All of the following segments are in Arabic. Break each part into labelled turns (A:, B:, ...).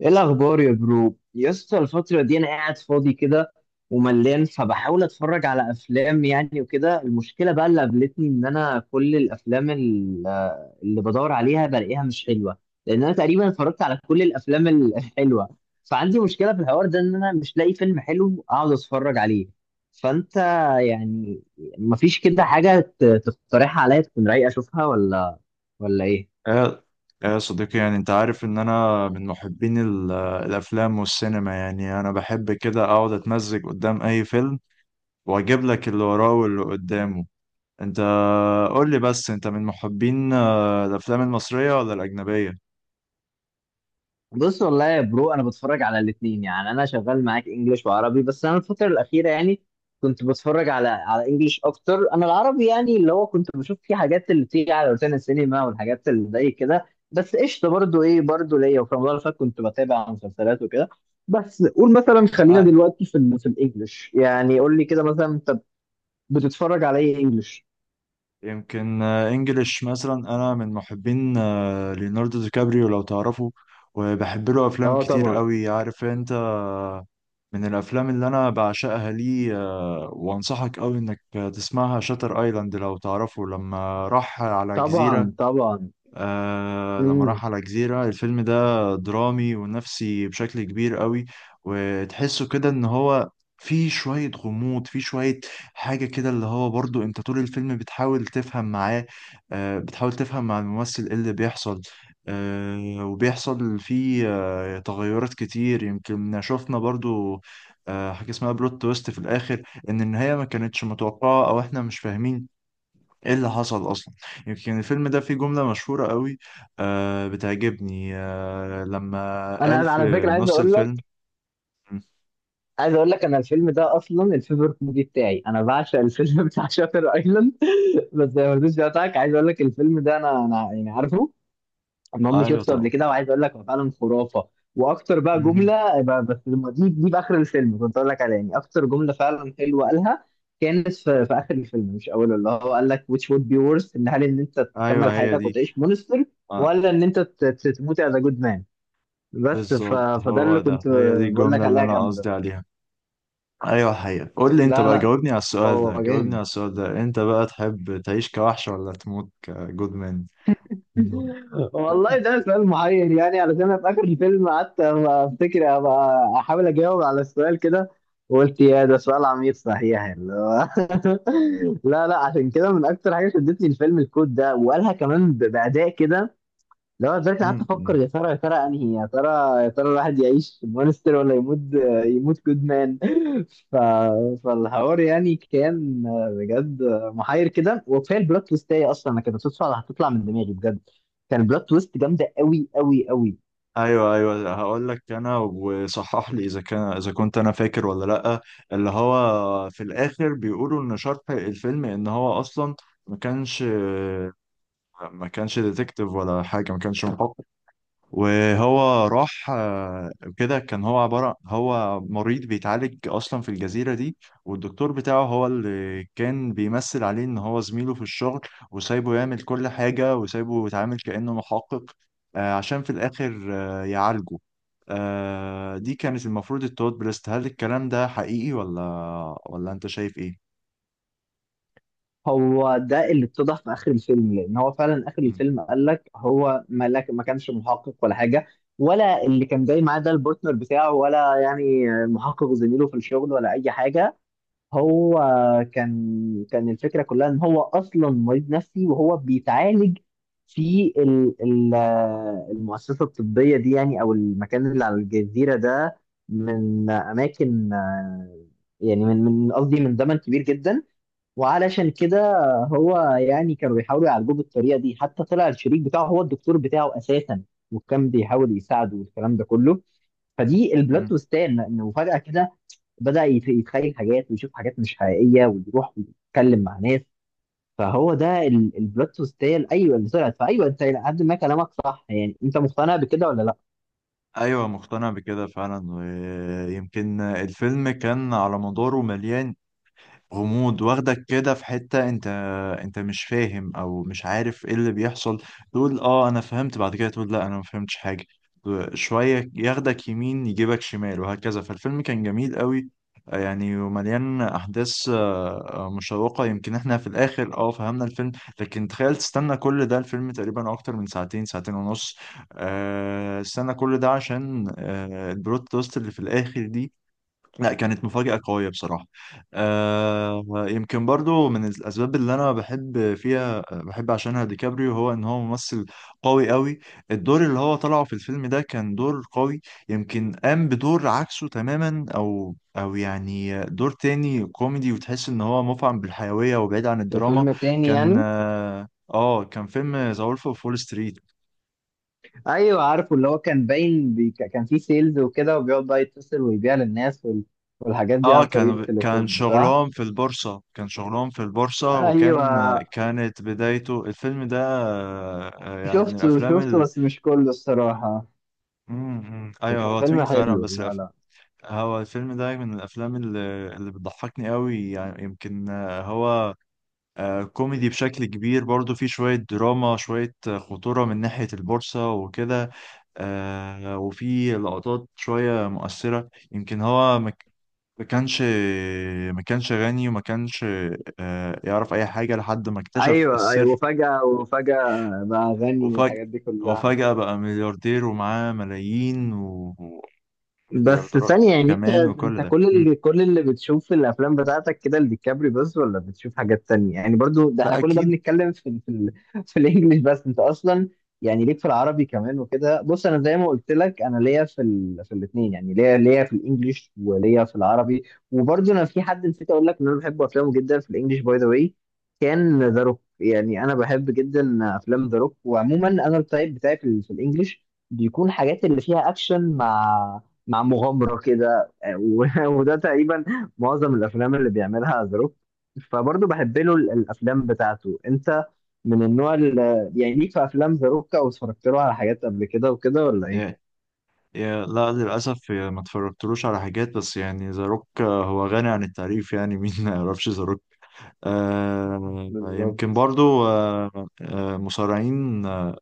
A: ايه الاخبار يا برو، يا اسطى؟ الفتره دي انا قاعد فاضي كده وملان، فبحاول اتفرج على افلام يعني وكده. المشكله بقى اللي قابلتني ان انا كل الافلام اللي بدور عليها بلاقيها مش حلوه. لان انا تقريبا اتفرجت على كل الافلام الحلوه. فعندي مشكله في الحوار ده ان انا مش لاقي فيلم حلو اقعد اتفرج عليه. فانت يعني مفيش كده حاجه تقترحها عليا تكون رايقه اشوفها ولا ايه؟
B: يا يا صديقي، يعني انت عارف ان انا من محبين الافلام والسينما. يعني انا بحب كده اقعد اتمزج قدام اي فيلم، واجيب لك اللي وراه واللي قدامه. انت قول لي بس، انت من محبين الافلام المصرية ولا الاجنبية؟
A: بص، والله يا برو، انا بتفرج على الاثنين. يعني انا شغال معاك انجليش وعربي، بس انا الفتره الاخيره يعني كنت بتفرج على انجليش اكتر. انا العربي يعني اللي هو كنت بشوف فيه حاجات اللي بتيجي على روتانا السينما والحاجات اللي زي كده. بس قشطه، برضو ايه برضو ليا. وفي رمضان اللي فات كنت بتابع مسلسلات وكده. بس قول مثلا، خلينا
B: اي
A: دلوقتي في الانجليش. يعني قول لي كده مثلا، انت بتتفرج على ايه انجليش؟
B: يمكن انجليش مثلا. انا من محبين ليوناردو دي كابريو لو تعرفه، وبحب له افلام
A: اه،
B: كتير
A: طبعا،
B: قوي عارف انت. من الافلام اللي انا بعشقها ليه وانصحك قوي انك تسمعها، شاتر ايلاند لو تعرفه، لما راح على جزيرة.
A: طبعا، طبعا.
B: لما
A: امم
B: راح على جزيرة، الفيلم ده درامي ونفسي بشكل كبير قوي، وتحسه كده ان هو في شوية غموض، في شوية حاجة كده. اللي هو برضو انت طول الفيلم بتحاول تفهم معاه، بتحاول تفهم مع الممثل ايه اللي بيحصل. وبيحصل فيه تغيرات كتير. يمكن شفنا برضو حاجة اسمها بلوت تويست في الآخر. ان النهاية ما كانتش متوقعة، او احنا مش فاهمين ايه اللي حصل اصلا. يمكن الفيلم ده فيه جملة مشهورة قوي بتعجبني، لما
A: انا
B: قال
A: على
B: في
A: فكره عايز
B: نص
A: اقول
B: الفيلم.
A: لك،
B: م،
A: انا الفيلم ده اصلا الفيفورت موفي بتاعي. انا بعشق الفيلم بتاع شاتر ايلاند. بس زي ما رضيتش بتاعك، عايز اقول لك الفيلم ده انا يعني عارفه. المهم،
B: ايوه
A: شفته قبل
B: طبعا.
A: كده، وعايز اقول لك هو فعلا خرافه. واكتر بقى
B: مهم.
A: جمله بس لما دي باخر الفيلم كنت اقول لك عليها، يعني اكتر جمله فعلا حلوه قالها كانت في اخر الفيلم مش اوله. اللي هو قال لك which would be worse، ان هل ان انت تكمل
B: ايوه هي
A: حياتك
B: دي.
A: وتعيش مونستر،
B: آه
A: ولا ان انت تموت as a good man. بس
B: بالظبط،
A: فده
B: هو
A: اللي
B: ده،
A: كنت
B: هي دي
A: بقول لك
B: الجملة اللي
A: عليها
B: انا
A: جامده.
B: قصدي عليها. ايوه الحقيقة. قول لي انت
A: لا،
B: بقى،
A: لا،
B: جاوبني على السؤال
A: هو
B: ده، جاوبني على
A: جامد.
B: السؤال ده، انت بقى تحب تعيش كوحش ولا تموت كجود مان؟
A: والله ده سؤال محير. يعني علشان انا في اخر الفيلم قعدت افتكر، ابقى احاول اجاوب على السؤال كده، وقلت يا ده سؤال عميق صحيح اللي هو لا، لا، عشان كده من اكتر حاجه شدتني الفيلم الكود ده، وقالها كمان باداء كده. لو انا دلوقتي قعدت افكر، يا ترى يا ترى انهي، يا ترى الواحد يعيش مونستر ولا يموت كودمان ف... فالحوار يعني كان بجد محير كده. وكفايه البلوت تويست هي اصلا، انا كانت صدفه هتطلع من دماغي بجد. كان البلوت تويست جامده قوي قوي قوي.
B: ايوه ايوه، هقول لك انا وصحح لي، اذا كان اذا كنت انا فاكر ولا لا. اللي هو في الاخر بيقولوا ان شرح الفيلم ان هو اصلا ما كانش ما كانش ديتكتيف ولا حاجه، ما كانش محقق. وهو راح كده. كان هو عبارة، هو مريض بيتعالج أصلا في الجزيرة دي، والدكتور بتاعه هو اللي كان بيمثل عليه إن هو زميله في الشغل، وسايبه يعمل كل حاجة وسايبه يتعامل كأنه محقق، عشان في الآخر يعالجه. دي كانت المفروض التوت بريست. هل الكلام ده حقيقي، ولا أنت شايف إيه؟
A: هو ده اللي اتضح في اخر الفيلم، لان هو فعلا اخر
B: مم.
A: الفيلم قال لك هو ملاك، ما كانش محقق ولا حاجه. ولا اللي كان جاي معاه ده البارتنر بتاعه، ولا يعني المحقق زميله في الشغل، ولا اي حاجه. هو كان الفكره كلها ان هو اصلا مريض نفسي وهو بيتعالج في المؤسسه الطبيه دي، يعني او المكان اللي على الجزيره ده، من اماكن يعني من قصدي من زمن كبير جدا. وعلشان كده، هو يعني كانوا بيحاولوا يعالجوه بالطريقه دي، حتى طلع الشريك بتاعه هو الدكتور بتاعه اساسا، وكان بيحاول يساعده والكلام ده كله. فدي البلوت
B: مم.
A: تويستان انه فجاه كده بدأ يتخيل حاجات، ويشوف حاجات مش حقيقية، ويروح ويتكلم مع ناس. فهو ده البلوت تويست، هي ايوه اللي طلعت. فايوه، انت إلى حد ما كلامك صح. يعني انت مقتنع بكده ولا لا؟
B: ايوه مقتنع بكده فعلا. ويمكن الفيلم كان على مداره مليان غموض، واخدك كده في حتة، انت انت مش فاهم او مش عارف ايه اللي بيحصل. تقول اه انا فهمت، بعد كده تقول لا انا ما فهمتش حاجة. شوية ياخدك يمين، يجيبك شمال، وهكذا. فالفيلم كان جميل قوي، يعني ومليان احداث مشوقة. يمكن احنا في الاخر اه فهمنا الفيلم، لكن تخيل تستنى كل ده. الفيلم تقريبا اكتر من ساعتين، ساعتين ونص. استنى كل ده عشان البلوت تويست اللي في الاخر دي، لا كانت مفاجأة قوية بصراحة. يمكن برضو من الأسباب اللي أنا بحب فيها، بحب عشانها ديكابريو، هو إن هو ممثل قوي قوي. الدور اللي هو طلعه في الفيلم ده كان دور قوي. يمكن قام بدور عكسه تماما، أو يعني دور تاني كوميدي، وتحس إن هو مفعم بالحيوية وبعيد عن
A: في
B: الدراما.
A: فيلم تاني
B: كان
A: يعني.
B: كان فيلم ذا وولف أوف وول ستريت.
A: ايوه عارفه، اللي هو كان باين كان فيه سيلز وكده، وبيقعد بقى يتصل ويبيع للناس والحاجات دي
B: اه
A: عن طريق
B: كان
A: التليفون، صح؟
B: شغلهم في البورصة، كان شغلهم في البورصة،
A: ايوه،
B: وكان كانت بدايته. الفيلم ده يعني من
A: شفته
B: الأفلام
A: شفته
B: ال...
A: بس مش كله الصراحة.
B: مم، مم. أيوه
A: كان
B: هو
A: فيلم
B: طويل فعلا،
A: حلو.
B: بس
A: لا، لا.
B: هو الفيلم ده من الأفلام اللي بتضحكني قوي. يعني يمكن هو كوميدي بشكل كبير، برضو فيه شوية دراما، شوية خطورة من ناحية البورصة وكده. وفيه لقطات شوية مؤثرة. يمكن هو ما كانش ما كانش غني، وما كانش يعرف اي حاجه لحد ما اكتشف
A: ايوه، ايوه،
B: السر.
A: وفجأة، وفجأة بقى غني
B: وفجأة،
A: والحاجات دي كلها.
B: وفجأة بقى ملياردير ومعاه ملايين
A: بس
B: ومليارديرات
A: ثانية، يعني انت
B: كمان. وكل
A: انت
B: ده.
A: كل
B: مم.
A: اللي كل اللي بتشوف في الافلام بتاعتك كده لديكابري بس، ولا بتشوف حاجات تانية؟ يعني برضو ده احنا
B: لا
A: كل ده
B: اكيد.
A: بنتكلم في ال- في ال في الانجليش. بس انت اصلا يعني ليك في العربي كمان وكده. بص، انا زي ما قلت لك انا ليا في الاثنين، يعني ليا في الانجليش وليا في العربي. وبرضو انا في حد نسيت اقول لك ان انا بحب افلامه جدا في الانجليش، باي ذا واي. كان ذا روك. يعني انا بحب جدا افلام ذا روك. وعموما انا التايب بتاعي في الانجليش بيكون حاجات اللي فيها اكشن مع مغامرة كده، وده تقريبا معظم الأفلام اللي بيعملها ذا روك. فبرضه بحب له الأفلام بتاعته. أنت من النوع اللي يعني ليك في أفلام ذا روك، أو اتفرجت له على حاجات قبل كده وكده، ولا إيه؟
B: يا- لا للاسف، يا ما اتفرجتلوش على حاجات. بس يعني ذا روك هو غني عن التعريف يعني. مين ما يعرفش ذا روك؟ يمكن
A: بالظبط.
B: برضو مصارعين.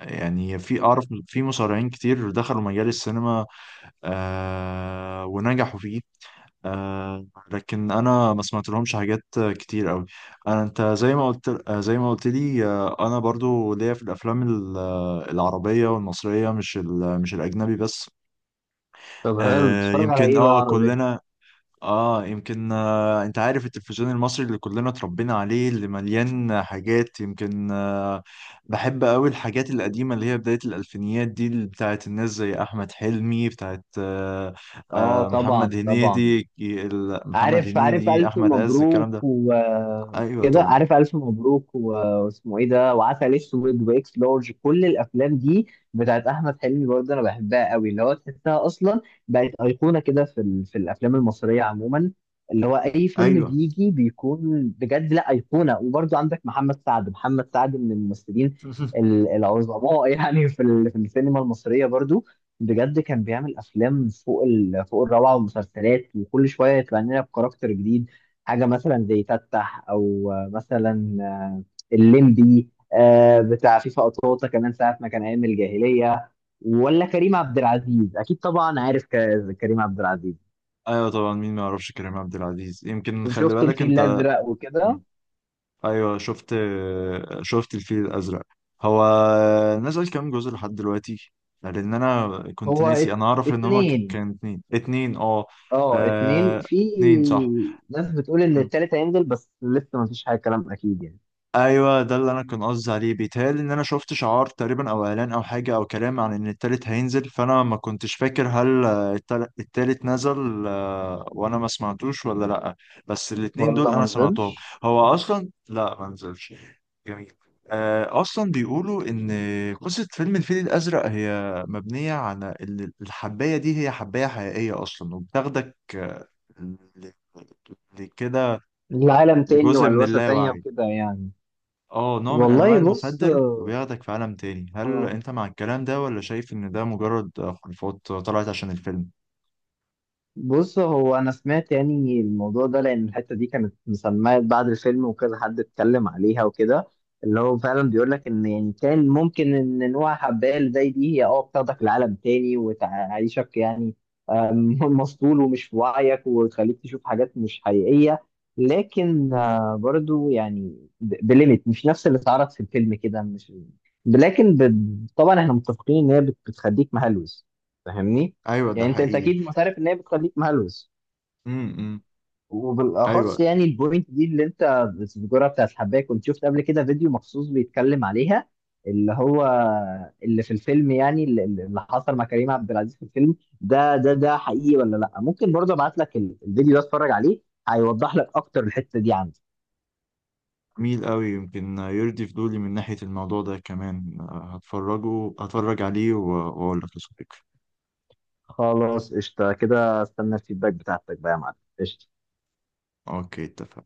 B: يعني في، اعرف في مصارعين كتير دخلوا مجال السينما ونجحوا فيه. آه لكن انا ما سمعت لهمش حاجات كتير قوي. انت زي ما قلت آه، زي ما قلت لي. انا برضو ليا في الافلام العربيه والمصريه، مش الاجنبي بس.
A: طب حلو، بتتفرج على
B: يمكن
A: إيه بقى
B: اه
A: عربي؟
B: كلنا. اه يمكن انت عارف التلفزيون المصري اللي كلنا اتربينا عليه اللي مليان حاجات. يمكن بحب قوي الحاجات القديمة، اللي هي بداية الألفينيات دي، اللي بتاعت الناس زي أحمد حلمي، بتاعت
A: آه،
B: محمد
A: طبعا، طبعا.
B: هنيدي. محمد
A: عارف
B: هنيدي،
A: ألف
B: أحمد عز،
A: مبروك
B: الكلام ده. أيوه
A: وكده.
B: طبعا.
A: عارف ألف مبروك واسمه إيه ده، وعسل أسود، وإكس لارج، كل الأفلام دي بتاعت أحمد حلمي، برضه أنا بحبها قوي. اللي هو تحسها أصلا بقت أيقونة كده في الأفلام المصرية عموما. اللي هو أي فيلم
B: أيوه.
A: بيجي بيكون بجد لا أيقونة. وبرضه عندك محمد سعد. محمد سعد من الممثلين العظماء يعني في السينما المصرية برضه. بجد كان بيعمل افلام فوق الروعه، ومسلسلات، وكل شويه يطلع لنا بكاركتر جديد. حاجه مثلا زي تتح، او مثلا الليمبي، بتاع فيفا قطاطا، كمان ساعه ما كان ايام الجاهليه. ولا كريم عبد العزيز اكيد. طبعا عارف كريم عبد العزيز.
B: ايوه طبعا، مين ما يعرفش كريم عبد العزيز؟ يمكن خلي
A: وشفت
B: بالك
A: الفيل
B: انت.
A: الازرق وكده.
B: ايوه شفت الفيل الازرق. هو نزل كام جزء لحد دلوقتي؟ لان انا كنت
A: هو
B: ناسي. انا اعرف ان هما
A: اتنين.
B: كان اتنين، اتنين اه.
A: اه، اتنين.
B: آه،
A: في
B: اتنين، صح.
A: ناس بتقول ان التالت هينزل، بس لسه ما فيش حاجه، كلام اكيد يعني.
B: ايوه ده اللي انا كنت قصدي عليه. بيتهيألي ان انا شفت شعار تقريبا، او اعلان، او حاجه، او كلام عن ان التالت هينزل. فانا ما كنتش فاكر هل التالت نزل وانا ما سمعتوش ولا لا. بس الاتنين
A: والله
B: دول
A: ما
B: انا سمعتهم.
A: نزلش.
B: هو اصلا لا ما نزلش. جميل. اصلا بيقولوا ان قصه فيلم الفيل الازرق هي مبنيه على ان الحبايه دي هي حبايه حقيقيه اصلا، وبتاخدك ل- ل- لكده،
A: العالم تاني
B: لجزء من
A: وهلوسة تانية
B: اللاوعي.
A: وكده يعني.
B: اه نوع من انواع
A: والله بص.
B: المخدر، وبياخدك في عالم تاني. هل
A: اه،
B: انت مع الكلام ده، ولا شايف ان ده مجرد خرافات طلعت عشان الفيلم؟
A: بص هو انا سمعت يعني الموضوع ده، لان الحته دي كانت مسميه بعد الفيلم، وكذا حد اتكلم عليها وكده. اللي هو فعلا بيقول لك ان، يعني كان ممكن ان نوع حبايه اللي زي دي هي بتاخدك لعالم تاني، وتعيشك يعني مسطول ومش في وعيك، وتخليك تشوف حاجات مش حقيقيه. لكن برضو يعني بليميت، مش نفس اللي اتعرض في الفيلم كده، مش. لكن طبعا احنا متفقين ان هي بتخليك مهلوس، فاهمني؟
B: ايوه ده
A: يعني انت
B: حقيقي.
A: اكيد معترف ان هي بتخليك مهلوس.
B: امم. ايوه
A: وبالاخص يعني البوينت دي اللي انت بتذكرها بتاعت الحبايه، كنت شفت قبل كده فيديو مخصوص بيتكلم عليها. اللي هو اللي في الفيلم، يعني اللي حصل مع كريم عبد العزيز في الفيلم ده ده حقيقي ولا لا؟ ممكن برضه ابعت لك الفيديو ده، اتفرج عليه. هيوضح لك اكتر الحته دي عندي.
B: جميل قوي. يمكن يرضي فضولي من ناحية الموضوع ده كمان. هتفرج عليه واقول لك يا صديقي.
A: خلاص قشطه كده، استنى الفيدباك بتاعتك بقى يا معلم. قشطه.
B: اوكي اتفقنا.